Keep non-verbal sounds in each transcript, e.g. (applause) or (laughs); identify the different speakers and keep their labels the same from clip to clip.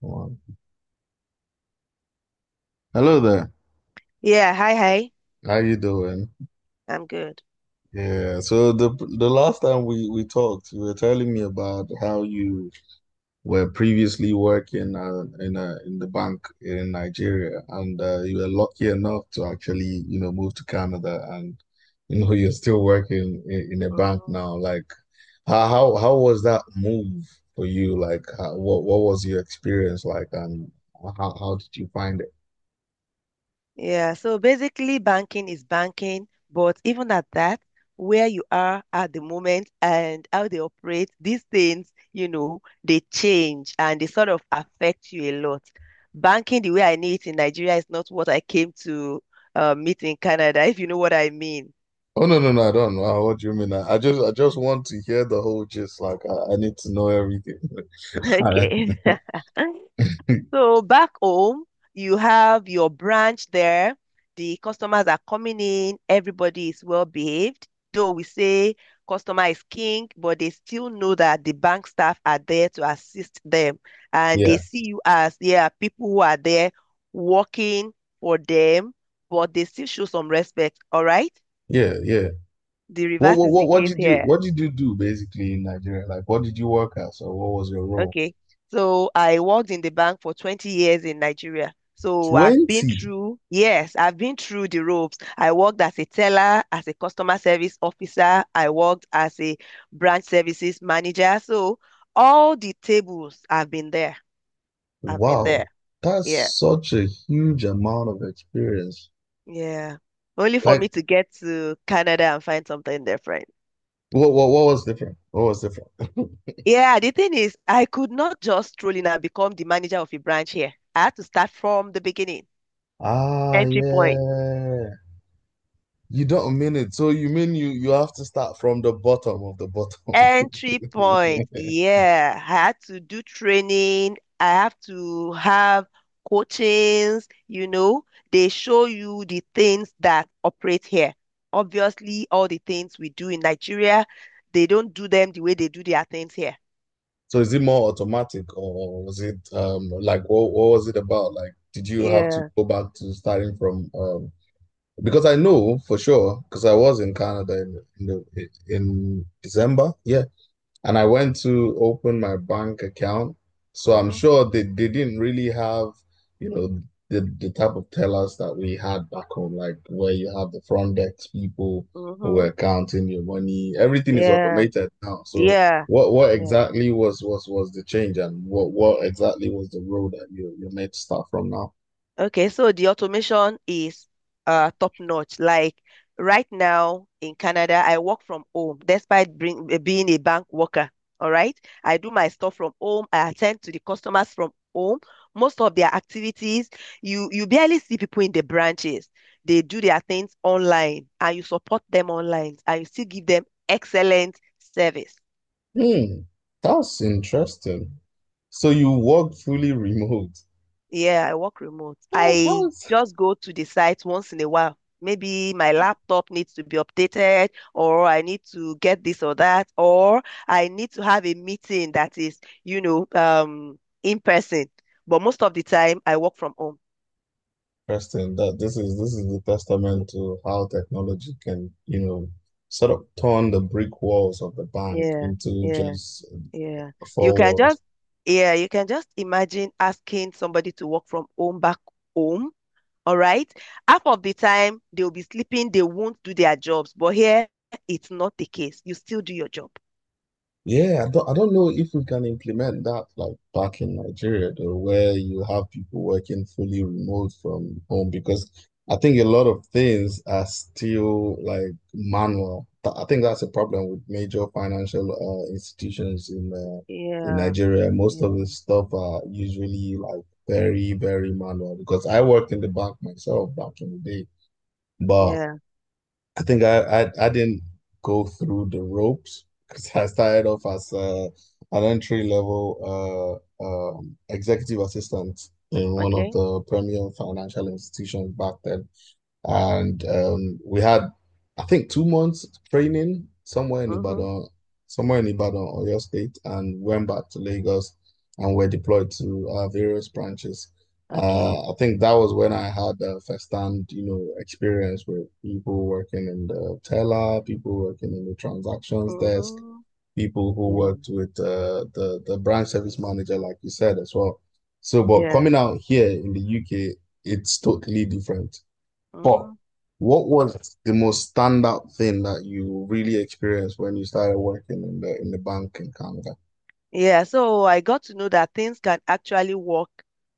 Speaker 1: Wow. Hello there.
Speaker 2: Yeah, hi, hi.
Speaker 1: How you doing?
Speaker 2: I'm good.
Speaker 1: Yeah. So the last time we talked, you were telling me about how you were previously working in a in the bank in Nigeria, and you were lucky enough to actually move to Canada, and (laughs) you're still working in a bank
Speaker 2: Hmm.
Speaker 1: now. Like, how was that move for you? Like, how, what was your experience like, and how did you find.
Speaker 2: Yeah, so basically, banking is banking, but even at that, where you are at the moment and how they operate, these things, you know, they change and they sort of affect you a lot. Banking, the way I know it in Nigeria, is not what I came to meet in Canada, (laughs) if you know what I mean. (laughs)
Speaker 1: Oh no, no, no, I don't know what do you mean. I just want to hear the whole gist. Like I need to know everything.
Speaker 2: Okay. (laughs)
Speaker 1: (laughs)
Speaker 2: So back home, you have your branch there. The customers are coming in. Everybody is well behaved. Though we say customer is king, but they still know that the bank staff are there to assist them. And
Speaker 1: Yeah,
Speaker 2: they see you as, yeah, people who are there working for them, but they still show some respect. All right?
Speaker 1: yeah, yeah.
Speaker 2: The
Speaker 1: What
Speaker 2: reverse
Speaker 1: what
Speaker 2: is
Speaker 1: what
Speaker 2: the
Speaker 1: what
Speaker 2: case
Speaker 1: did you
Speaker 2: here.
Speaker 1: do basically in Nigeria? Like what did you work as, or what was your role?
Speaker 2: Okay. So I worked in the bank for 20 years in Nigeria. So I've been
Speaker 1: 20.
Speaker 2: through, yes, I've been through the ropes. I worked as a teller, as a customer service officer. I worked as a branch services manager. So all the tables, I've been there. I've been
Speaker 1: Wow.
Speaker 2: there.
Speaker 1: That's
Speaker 2: Yeah.
Speaker 1: such a huge amount of experience.
Speaker 2: Yeah. Only for
Speaker 1: Like
Speaker 2: me to get to Canada and find something different.
Speaker 1: what was different? What was different? (laughs)
Speaker 2: Yeah, the thing is, I could not just stroll in and become the manager of a branch here. I had to start from the beginning,
Speaker 1: Ah,
Speaker 2: entry point.
Speaker 1: yeah. You don't mean it. So you mean you have to start from the bottom of the bottom.
Speaker 2: Entry point.
Speaker 1: (laughs)
Speaker 2: Yeah, I had to do training. I have to have coachings. They show you the things that operate here. Obviously, all the things we do in Nigeria, they don't do them the way they do their things here.
Speaker 1: So is it more automatic, or was it like what was it about? Like did you have to
Speaker 2: Yeah.
Speaker 1: go back to starting from because I know for sure, because I was in Canada in in December, yeah. And I went to open my bank account. So I'm
Speaker 2: Mm-hmm.
Speaker 1: sure they didn't really have, you know, the type of tellers that we had back home, like where you have the front desk people who
Speaker 2: Mm-hmm.
Speaker 1: were counting your money. Everything is
Speaker 2: Yeah.
Speaker 1: automated now. So
Speaker 2: Yeah.
Speaker 1: what what
Speaker 2: Yeah.
Speaker 1: exactly was was was the change, and what exactly was the role that you made start from now?
Speaker 2: Okay, so the automation is top notch. Like right now in Canada, I work from home despite being a bank worker. All right, I do my stuff from home. I attend to the customers from home. Most of their activities, you barely see people in the branches. They do their things online, and you support them online, and you still give them excellent service.
Speaker 1: Hmm, that's interesting. So you work fully remote.
Speaker 2: Yeah, I work remote.
Speaker 1: How
Speaker 2: I
Speaker 1: is.
Speaker 2: just go to the site once in a while. Maybe my laptop needs to be updated, or I need to get this or that, or I need to have a meeting that is, in person. But most of the time, I work from home.
Speaker 1: Interesting that this is the testament to how technology can, you know, sort of turn the brick walls of the bank
Speaker 2: Yeah,
Speaker 1: into
Speaker 2: yeah,
Speaker 1: just
Speaker 2: yeah. You
Speaker 1: four
Speaker 2: can
Speaker 1: walls.
Speaker 2: just, yeah, you can just imagine asking somebody to work from home back home. All right. Half of the time they'll be sleeping, they won't do their jobs. But here it's not the case. You still do your job.
Speaker 1: Yeah, I don't know if we can implement that like back in Nigeria though, where you have people working fully remote from home, because I think a lot of things are still like manual. I think that's a problem with major financial institutions in
Speaker 2: Yeah,
Speaker 1: Nigeria. Most of the
Speaker 2: yeah,
Speaker 1: stuff are usually like very, very manual, because I worked in the bank myself back in the day. But.
Speaker 2: yeah.
Speaker 1: I think I didn't go through the ropes, because I started off as an entry level executive assistant in one of
Speaker 2: Okay.
Speaker 1: the premier financial institutions back then. And we had, I think, 2 months training
Speaker 2: Mm-hmm.
Speaker 1: Somewhere in Ibadan, Oyo State, and went back to Lagos and were deployed to various branches.
Speaker 2: Okay.
Speaker 1: I think that was when I had a first-hand, you know, experience with people working in the teller, people working in the transactions desk,
Speaker 2: Mm-hmm.
Speaker 1: people who
Speaker 2: Yeah.
Speaker 1: worked with the branch service manager, like you said as well. So, but
Speaker 2: Yeah.
Speaker 1: coming out here in the UK, it's totally different. But
Speaker 2: Mm-hmm.
Speaker 1: what was the most standout thing that you really experienced when you started working in the bank in Canada?
Speaker 2: Yeah, so I got to know that things can actually work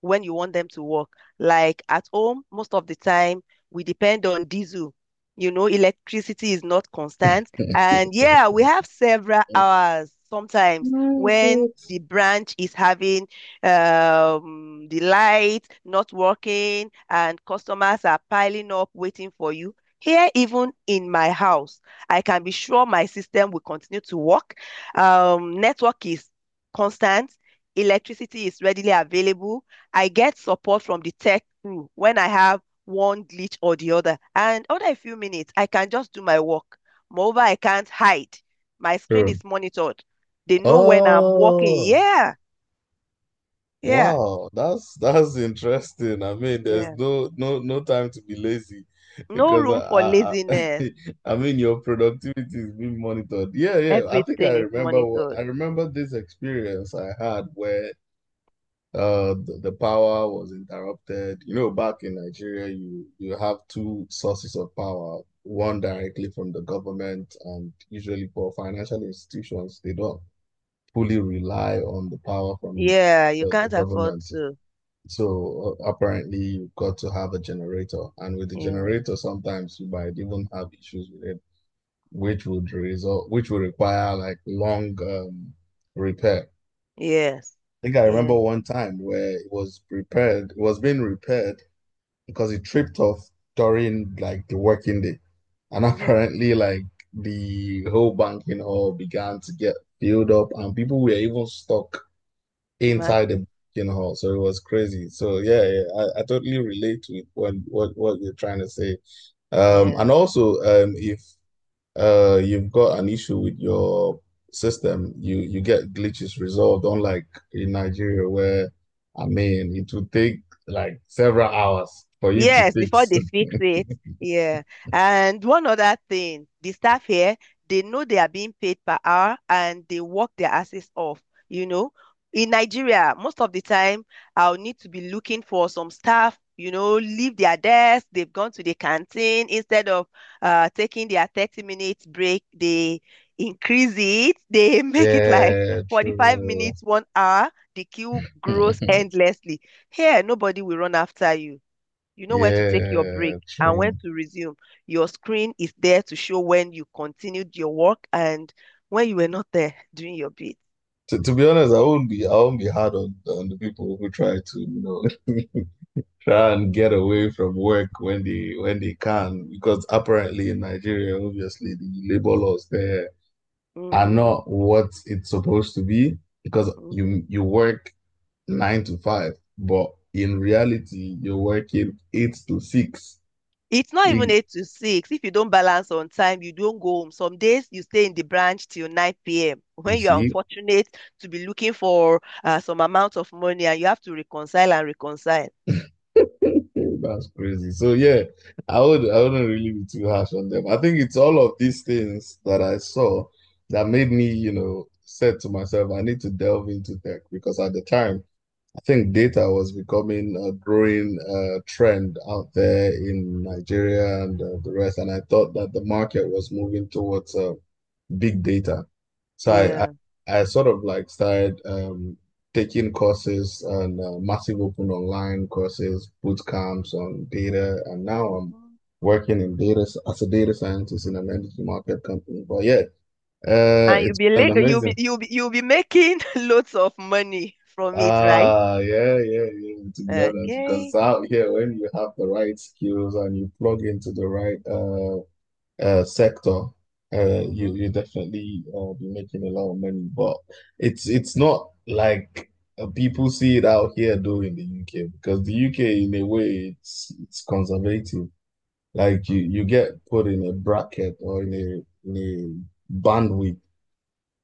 Speaker 2: when you want them to work. Like at home, most of the time, we depend on diesel. You know, electricity is not constant. And yeah,
Speaker 1: (laughs)
Speaker 2: we have several hours sometimes
Speaker 1: My
Speaker 2: when
Speaker 1: God.
Speaker 2: the branch is having the light not working and customers are piling up waiting for you. Here, even in my house, I can be sure my system will continue to work. Network is constant. Electricity is readily available. I get support from the tech crew when I have one glitch or the other. And after a few minutes, I can just do my work. Moreover, I can't hide. My screen
Speaker 1: True.
Speaker 2: is monitored. They know when I'm working.
Speaker 1: Oh,
Speaker 2: Yeah, yeah,
Speaker 1: wow. That's interesting. I mean, there's
Speaker 2: yeah.
Speaker 1: no time to be lazy,
Speaker 2: No
Speaker 1: because
Speaker 2: room for laziness.
Speaker 1: (laughs) I mean your productivity is being monitored. Yeah, yeah. I think I
Speaker 2: Everything is
Speaker 1: remember
Speaker 2: monitored.
Speaker 1: this experience I had where the power was interrupted, you know. Back in Nigeria, you have two sources of power, one directly from the government, and usually for financial institutions they don't fully rely on the power from
Speaker 2: Yeah, you
Speaker 1: the
Speaker 2: can't afford
Speaker 1: government.
Speaker 2: to.
Speaker 1: So apparently you've got to have a generator, and with the
Speaker 2: Yeah,
Speaker 1: generator sometimes you might even have issues with it, which would require like long repair.
Speaker 2: yes,
Speaker 1: I think I
Speaker 2: yeah.
Speaker 1: remember one time where it was being repaired because it tripped off during like the working day. And (laughs)
Speaker 2: Mm-hmm.
Speaker 1: apparently, like, the whole banking hall began to get filled up, and people were even stuck inside the
Speaker 2: Imagine.
Speaker 1: banking hall. So it was crazy. So yeah, yeah, I totally relate to it when what you're trying to say. And
Speaker 2: Yeah.
Speaker 1: also, if you've got an issue with your system, you get glitches resolved, unlike in Nigeria where I mean it would take like several hours for you to
Speaker 2: Yes, before
Speaker 1: fix.
Speaker 2: they fix it. Yeah. And one other thing, the staff here, they know they are being paid per hour and they work their asses off, you know. In Nigeria, most of the time, I'll need to be looking for some staff, leave their desk, they've gone to the canteen. Instead of taking their 30 minutes break, they increase it. They (laughs)
Speaker 1: (laughs)
Speaker 2: make it like
Speaker 1: Yeah,
Speaker 2: 45
Speaker 1: true.
Speaker 2: minutes, 1 hour. The queue grows
Speaker 1: (laughs)
Speaker 2: endlessly. Here, nobody will run after you. You know when to take your
Speaker 1: Yeah,
Speaker 2: break and when
Speaker 1: true.
Speaker 2: to resume. Your screen is there to show when you continued your work and when you were not there (laughs) doing your bit.
Speaker 1: To be honest, I won't be hard on the people who try to, know (laughs) try and get away from work when they can, because apparently in Nigeria, obviously the labor laws there are
Speaker 2: Hmm.
Speaker 1: not what it's supposed to be, because
Speaker 2: Hmm.
Speaker 1: you work 9 to 5, but in reality you're working 8 to 6.
Speaker 2: It's not even
Speaker 1: You,
Speaker 2: 8 to 6. If you don't balance on time, you don't go home. Some days you stay in the branch till 9 p.m.
Speaker 1: you
Speaker 2: When you are
Speaker 1: see?
Speaker 2: unfortunate to be looking for some amount of money and you have to reconcile and reconcile.
Speaker 1: (laughs) That's crazy. So yeah, I wouldn't really be too harsh on them. I think it's all of these things that I saw that made me, you know, said to myself, I need to delve into tech, because at the time I think data was becoming a growing trend out there in
Speaker 2: Hmm.
Speaker 1: Nigeria and the rest. And I thought that the market was moving towards big data. So
Speaker 2: Yeah.
Speaker 1: I sort of like started taking courses and massive open online courses, boot camps on data. And now I'm
Speaker 2: Hmm.
Speaker 1: working in data as a data scientist in an energy market company. But yeah,
Speaker 2: And you'll
Speaker 1: it's
Speaker 2: be,
Speaker 1: been
Speaker 2: la- you'll
Speaker 1: amazing.
Speaker 2: be, you'll be, you'll be making (laughs) loads of money from it, right?
Speaker 1: Ah, yeah, yeah, yeah. To be honest, because
Speaker 2: Okay.
Speaker 1: out here, when you have the right skills and you plug into the right sector,
Speaker 2: Mm-hmm.
Speaker 1: you definitely be making a lot of money. But it's not like people see it out here though in the UK, because the UK in a way it's conservative. Like you
Speaker 2: Mm-hmm.
Speaker 1: get put in a bracket or in a bandwidth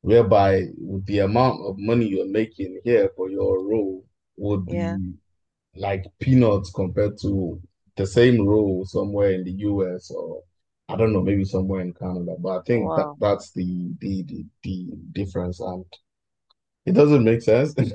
Speaker 1: whereby the amount of money you're making here for your role would
Speaker 2: Yeah.
Speaker 1: be like peanuts compared to the same role somewhere in the US, or I don't know, maybe somewhere in Canada. But I think that
Speaker 2: Wow.
Speaker 1: that's the difference, and it doesn't make sense. (laughs)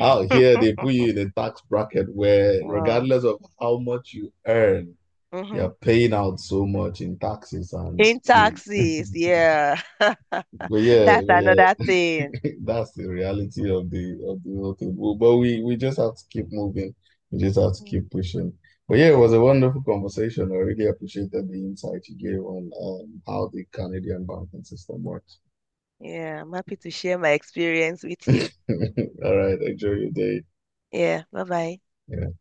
Speaker 1: Out here, they put you in a tax bracket where,
Speaker 2: Wow.
Speaker 1: regardless of how much you earn,
Speaker 2: Mm-hmm.
Speaker 1: you're paying out so much in taxes, and
Speaker 2: In
Speaker 1: you. (laughs)
Speaker 2: taxis. Yeah. (laughs)
Speaker 1: But yeah,
Speaker 2: That's
Speaker 1: but yeah.
Speaker 2: another thing.
Speaker 1: (laughs) That's the reality of the whole thing. But we just have to keep moving. We just have to
Speaker 2: Hmm.
Speaker 1: keep pushing. But yeah, it was
Speaker 2: Yeah.
Speaker 1: a wonderful conversation. I really appreciated the insight you gave on how the Canadian banking system works.
Speaker 2: Yeah. I'm happy to share my experience with you.
Speaker 1: (laughs) All right, enjoy your day.
Speaker 2: Yeah. Bye bye.
Speaker 1: Yeah.